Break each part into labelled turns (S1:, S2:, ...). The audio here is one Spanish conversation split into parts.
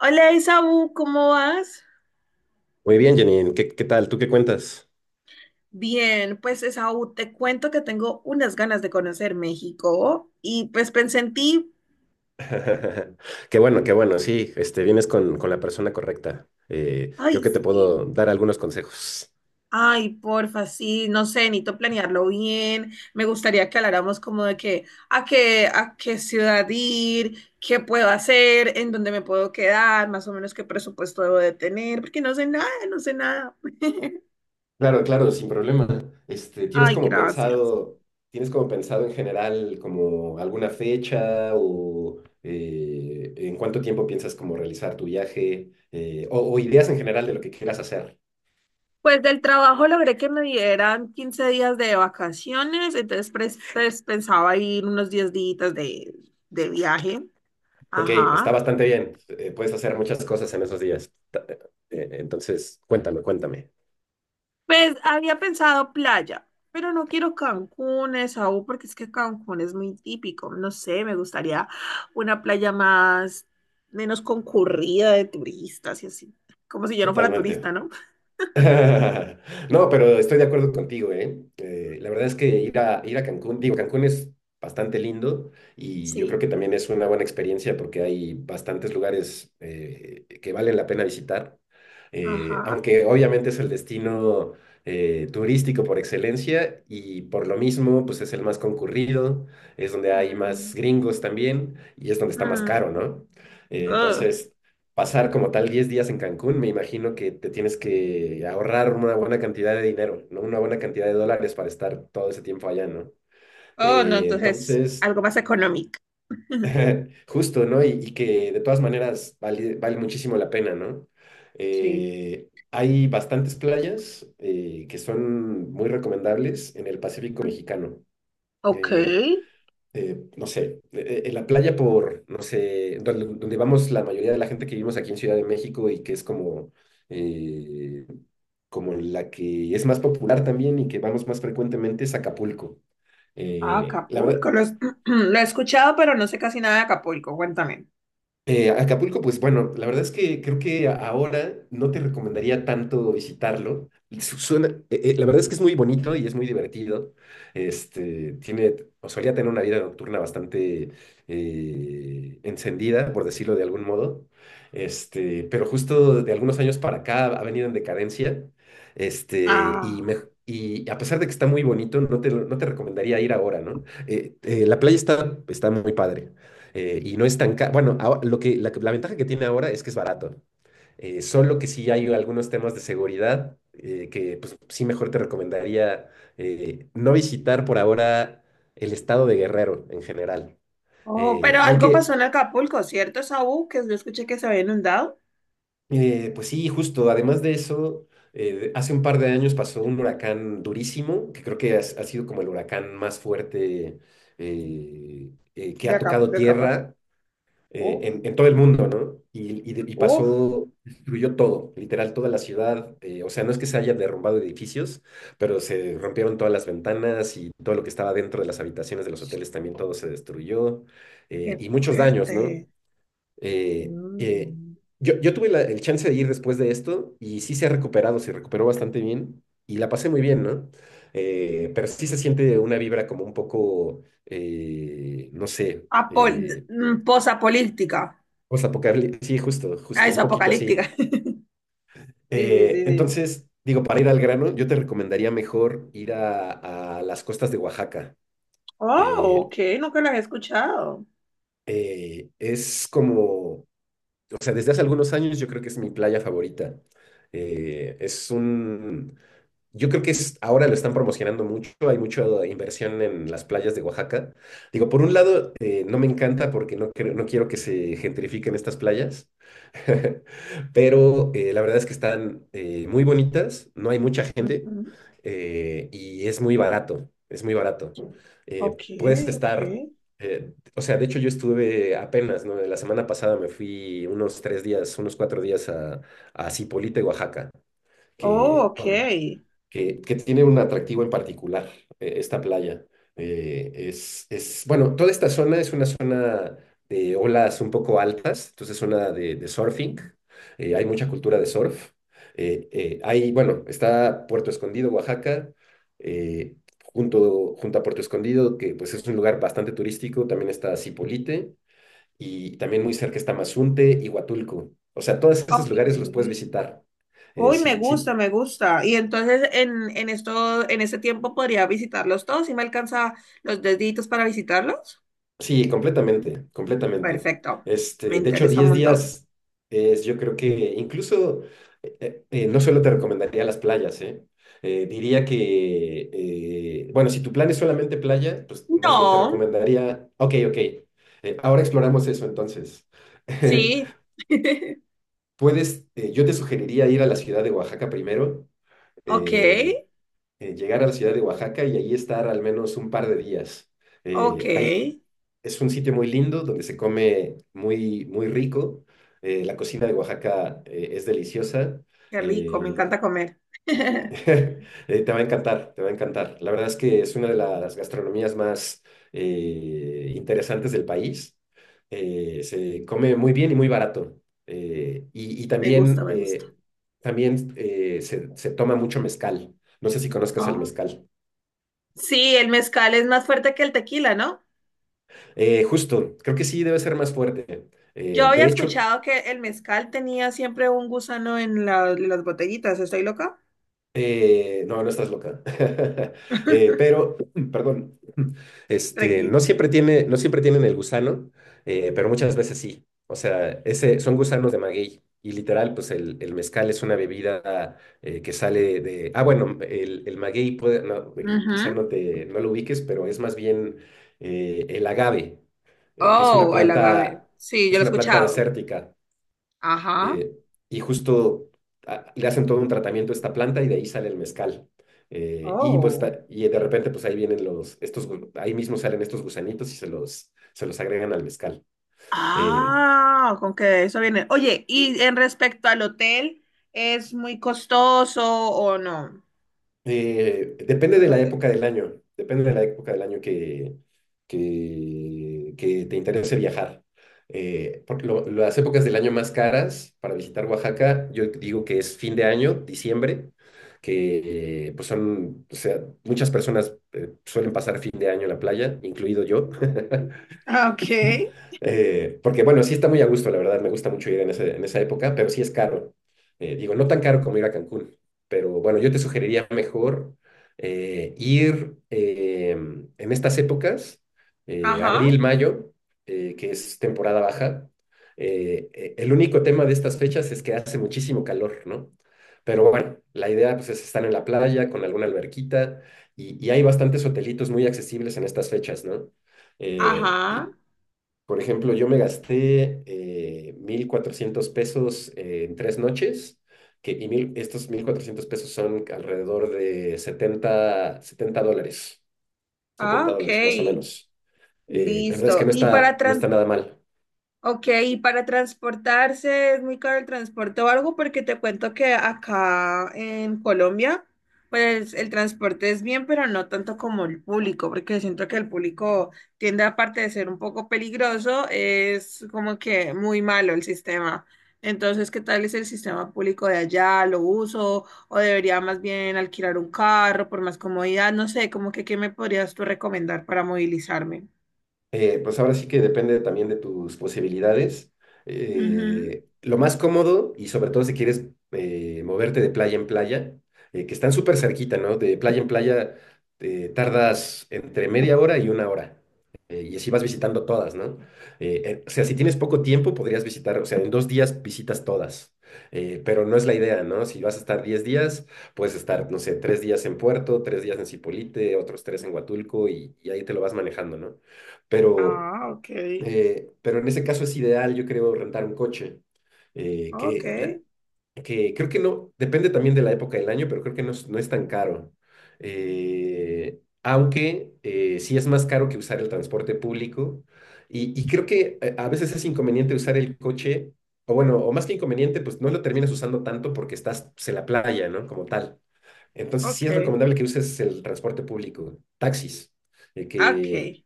S1: Hola Esaú, ¿cómo vas?
S2: Muy bien, Janine. ¿Qué tal? ¿Tú qué cuentas?
S1: Bien, pues Esaú, te cuento que tengo unas ganas de conocer México y pues pensé en ti,
S2: Qué bueno, qué bueno. Sí, vienes con la persona correcta.
S1: ay
S2: Creo que te
S1: sí,
S2: puedo dar algunos consejos.
S1: ay porfa, sí, no sé, necesito planearlo bien, me gustaría que habláramos como de que a qué ciudad ir, qué puedo hacer, en dónde me puedo quedar, más o menos qué presupuesto debo de tener, porque no sé nada.
S2: Claro, claro, sin problema. ¿Tienes
S1: Ay,
S2: como
S1: gracias.
S2: pensado, en general como alguna fecha o en cuánto tiempo piensas como realizar tu viaje, o ideas en general de lo que quieras hacer?
S1: Pues del trabajo logré que me dieran 15 días de vacaciones, entonces pues, pensaba ir unos 10 días de viaje.
S2: Ok, pues está
S1: Ajá.
S2: bastante bien. Puedes hacer muchas cosas en esos días. Entonces, cuéntame, cuéntame.
S1: Pues había pensado playa, pero no quiero Cancún, Esaú, porque es que Cancún es muy típico. No sé, me gustaría una playa más, menos concurrida de turistas y así. Como si yo no fuera turista,
S2: Totalmente.
S1: ¿no?
S2: No, pero estoy de acuerdo contigo, ¿eh? La verdad es que ir a Cancún, digo, Cancún es bastante lindo y yo creo
S1: Sí.
S2: que también es una buena experiencia porque hay bastantes lugares que valen la pena visitar.
S1: Ajá.
S2: Aunque obviamente es el destino turístico por excelencia y por lo mismo, pues es el más concurrido, es donde hay más
S1: Mm,
S2: gringos también y es donde está más
S1: mm.
S2: caro, ¿no?
S1: Ugh.
S2: Entonces, pasar como tal 10 días en Cancún, me imagino que te tienes que ahorrar una buena cantidad de dinero, ¿no? Una buena cantidad de dólares para estar todo ese tiempo allá, ¿no?
S1: Oh, no, entonces
S2: Entonces,
S1: algo más económico.
S2: justo, ¿no? Y que de todas maneras vale muchísimo la pena, ¿no?
S1: Sí.
S2: Hay bastantes playas que son muy recomendables en el Pacífico mexicano.
S1: Ok.
S2: Eh, no sé, en la playa por, no sé, donde vamos la mayoría de la gente que vivimos aquí en Ciudad de México y que es eh, como la que es más popular también y que vamos más frecuentemente es Acapulco.
S1: Ah,
S2: La
S1: Acapulco.
S2: verdad,
S1: Lo he escuchado, pero no sé casi nada de Acapulco. Cuéntame.
S2: Acapulco, pues bueno, la verdad es que creo que ahora no te recomendaría tanto visitarlo. Suena, la verdad es que es muy bonito y es muy divertido. Tiene, o solía tener una vida nocturna bastante encendida, por decirlo de algún modo. Pero justo de algunos años para acá ha venido en decadencia. Este, y me-
S1: Ah.
S2: Y a pesar de que está muy bonito, no te recomendaría ir ahora, ¿no? La playa está muy padre. Y no es tan caro. Bueno, la ventaja que tiene ahora es que es barato. Solo que sí hay algunos temas de seguridad que pues, sí mejor te recomendaría no visitar por ahora el estado de Guerrero en general.
S1: Oh, pero algo
S2: Aunque,
S1: pasó en Acapulco, ¿cierto, Saúl? Que yo escuché que se había inundado.
S2: pues sí, justo, además de eso, hace un par de años pasó un huracán durísimo, que creo que ha sido como el huracán más fuerte que
S1: De
S2: ha
S1: acá,
S2: tocado
S1: de Acapulco.
S2: tierra
S1: Uf,
S2: en todo el mundo, ¿no? Y
S1: uf,
S2: pasó, destruyó todo, literal, toda la ciudad. O sea, no es que se hayan derrumbado edificios, pero se rompieron todas las ventanas y todo lo que estaba dentro de las habitaciones de los hoteles también todo se destruyó.
S1: qué
S2: Y muchos daños, ¿no?
S1: fuerte.
S2: Eh, eh,
S1: Mm.
S2: yo tuve el chance de ir después de esto y sí se ha recuperado, se recuperó bastante bien y la pasé muy bien, ¿no? Pero sí se siente una vibra como un poco, no sé.
S1: Apol posapolítica.
S2: Postapocalíptico, sí, justo,
S1: Ah,
S2: justo,
S1: es
S2: un poquito
S1: apocalíptica.
S2: así.
S1: Sí, sí, sí, sí.
S2: Entonces, digo, para ir al grano, yo te recomendaría mejor ir a las costas de Oaxaca.
S1: Oh,
S2: Eh,
S1: ok, nunca las he escuchado.
S2: es como, o sea, desde hace algunos años yo creo que es mi playa favorita. Eh, es un, Yo creo que ahora lo están promocionando mucho, hay mucha inversión en las playas de Oaxaca. Digo, por un lado, no me encanta porque no quiero que se gentrifiquen estas playas, pero la verdad es que están muy bonitas, no hay mucha gente
S1: Ujú.
S2: y es muy barato, es muy barato.
S1: Ok,
S2: Puedes
S1: ok.
S2: estar, o sea, de hecho yo estuve apenas, ¿no? La semana pasada me fui unos 3 días, unos 4 días a Zipolite, Oaxaca,
S1: Oh, ok.
S2: bueno, que tiene un atractivo en particular, esta playa. Bueno, toda esta zona es una zona de olas un poco altas, entonces zona de surfing. Hay mucha cultura de surf. Hay, bueno, está Puerto Escondido, Oaxaca, eh, junto a Puerto Escondido, que pues es un lugar bastante turístico, también está Zipolite y también muy cerca está Mazunte y Huatulco. O sea, todos esos
S1: Ok.
S2: lugares los puedes visitar.
S1: Uy, me
S2: Si,
S1: gusta,
S2: si
S1: me gusta. Y entonces en en ese tiempo podría visitarlos todos y me alcanza los deditos para visitarlos.
S2: Sí, completamente, completamente.
S1: Perfecto. Me
S2: De hecho,
S1: interesa un
S2: diez
S1: montón.
S2: días yo creo que incluso no solo te recomendaría las playas, ¿eh? Diría que, bueno, si tu plan es solamente playa, pues más bien te
S1: No,
S2: recomendaría, ok, ok, ahora exploramos eso entonces.
S1: sí.
S2: Yo te sugeriría ir a la ciudad de Oaxaca primero,
S1: Ok,
S2: eh, llegar a la ciudad de Oaxaca y ahí estar al menos un par de días.
S1: ok.
S2: Hay
S1: Qué
S2: Es un sitio muy lindo donde se come muy, muy rico. La cocina de Oaxaca es deliciosa.
S1: rico, me
S2: Eh,
S1: encanta comer.
S2: eh, Te va a encantar, te va a encantar. La verdad es que es una de las gastronomías más interesantes del país. Se come muy bien y muy barato. Y
S1: Me gusta,
S2: también,
S1: me gusta.
S2: también se toma mucho mezcal. No sé si conozcas el
S1: Ah.
S2: mezcal.
S1: Sí, el mezcal es más fuerte que el tequila, ¿no?
S2: Justo, creo que sí debe ser más fuerte.
S1: Yo había
S2: De hecho,
S1: escuchado que el mezcal tenía siempre un gusano en las botellitas. ¿Estoy loca?
S2: No, no estás loca. Pero, perdón,
S1: Tranqui.
S2: no siempre tienen el gusano, pero muchas veces sí. O sea, son gusanos de maguey. Y literal, pues el mezcal es una bebida que sale de... Ah, bueno, el maguey puede, no, y quizá
S1: Ujú.
S2: no lo ubiques, pero es más bien el agave, que
S1: Oh, el agave. Sí, yo
S2: es
S1: lo he
S2: una planta
S1: escuchado.
S2: desértica
S1: Ajá.
S2: eh, y justo le hacen todo un tratamiento a esta planta y de ahí sale el mezcal. Y, pues,
S1: Oh.
S2: y de repente, pues ahí vienen ahí mismo salen estos gusanitos y se los agregan al mezcal. eh,
S1: Ah, con que eso viene. Oye, y en respecto al hotel, ¿es muy costoso o no?
S2: Depende
S1: Los
S2: de la
S1: hoteles.
S2: época del año, depende de la época del año que te interese viajar. Porque las épocas del año más caras para visitar Oaxaca, yo digo que es fin de año, diciembre, que pues son, o sea, muchas personas suelen pasar fin de año en la playa, incluido yo.
S1: Ok.
S2: Porque bueno, sí está muy a gusto, la verdad, me gusta mucho ir en esa época, pero sí es caro. Digo, no tan caro como ir a Cancún, pero bueno, yo te sugeriría mejor ir en estas épocas,
S1: Ajá,
S2: abril, mayo, que es temporada baja. El único tema de estas fechas es que hace muchísimo calor, ¿no? Pero bueno, la idea pues, es estar en la playa con alguna alberquita y hay bastantes hotelitos muy accesibles en estas fechas, ¿no?
S1: ajá.
S2: Y, por ejemplo, yo me gasté 1,400 pesos en 3 noches, estos 1,400 pesos son alrededor de setenta dólares,
S1: Ah,
S2: setenta
S1: ok.
S2: dólares más o menos. La verdad es que
S1: Listo.
S2: no está nada mal.
S1: Ok, y para transportarse, ¿es muy caro el transporte o algo? Porque te cuento que acá en Colombia, pues el transporte es bien, pero no tanto como el público, porque siento que el público tiende, aparte de ser un poco peligroso, es como que muy malo el sistema. Entonces, ¿qué tal es el sistema público de allá? ¿Lo uso? ¿O debería más bien alquilar un carro por más comodidad? No sé, como que ¿qué me podrías tú recomendar para movilizarme?
S2: Pues ahora sí que depende también de tus posibilidades.
S1: Ujú.
S2: Lo más cómodo, y sobre todo si quieres moverte de playa en playa, que están súper cerquita, ¿no? De playa en playa, tardas entre media hora y una hora. Y así vas visitando todas, ¿no? O sea, si tienes poco tiempo, podrías visitar, o sea, en 2 días visitas todas. Pero no es la idea, ¿no? Si vas a estar 10 días, puedes estar, no sé, 3 días en Puerto, 3 días en Cipolite, otros tres en Huatulco y ahí te lo vas manejando, ¿no? Pero,
S1: Ah, ok.
S2: pero en ese caso es ideal, yo creo, rentar un coche, eh, que, la-
S1: Okay,
S2: que creo que no, depende también de la época del año, pero creo que no es tan caro. Aunque sí es más caro que usar el transporte público y creo que a veces es inconveniente usar el coche, o bueno, o más que inconveniente, pues no lo terminas usando tanto porque estás pues, en la playa, ¿no? Como tal. Entonces sí es
S1: okay,
S2: recomendable que uses el transporte público, taxis, que
S1: okay,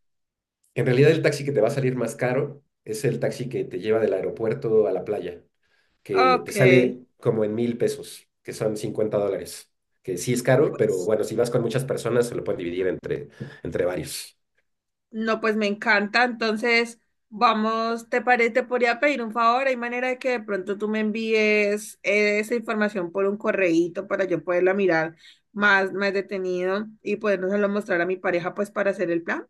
S2: en realidad el taxi que te va a salir más caro es el taxi que te lleva del aeropuerto a la playa, que te
S1: okay.
S2: sale como en 1,000 pesos, que son $50, que sí es caro, pero
S1: Pues,
S2: bueno, si vas con muchas personas se lo pueden dividir entre, varios.
S1: no, pues me encanta. Entonces, vamos, ¿te parece? Te podría pedir un favor. Hay manera de que de pronto tú me envíes esa información por un correíto para yo poderla mirar más, más detenido y podérselo mostrar a mi pareja, pues, para hacer el plan.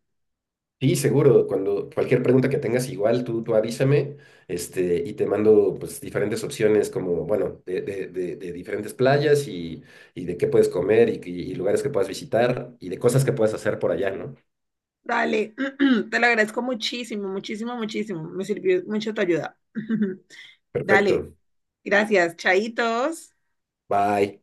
S2: Sí, seguro, cuando cualquier pregunta que tengas igual, tú avísame, y te mando pues diferentes opciones como, bueno, de diferentes playas y de qué puedes comer y lugares que puedas visitar y de cosas que puedas hacer por allá, ¿no?
S1: Dale, te lo agradezco muchísimo, muchísimo, muchísimo. Me sirvió mucho tu ayuda. Dale,
S2: Perfecto.
S1: gracias, chaitos.
S2: Bye.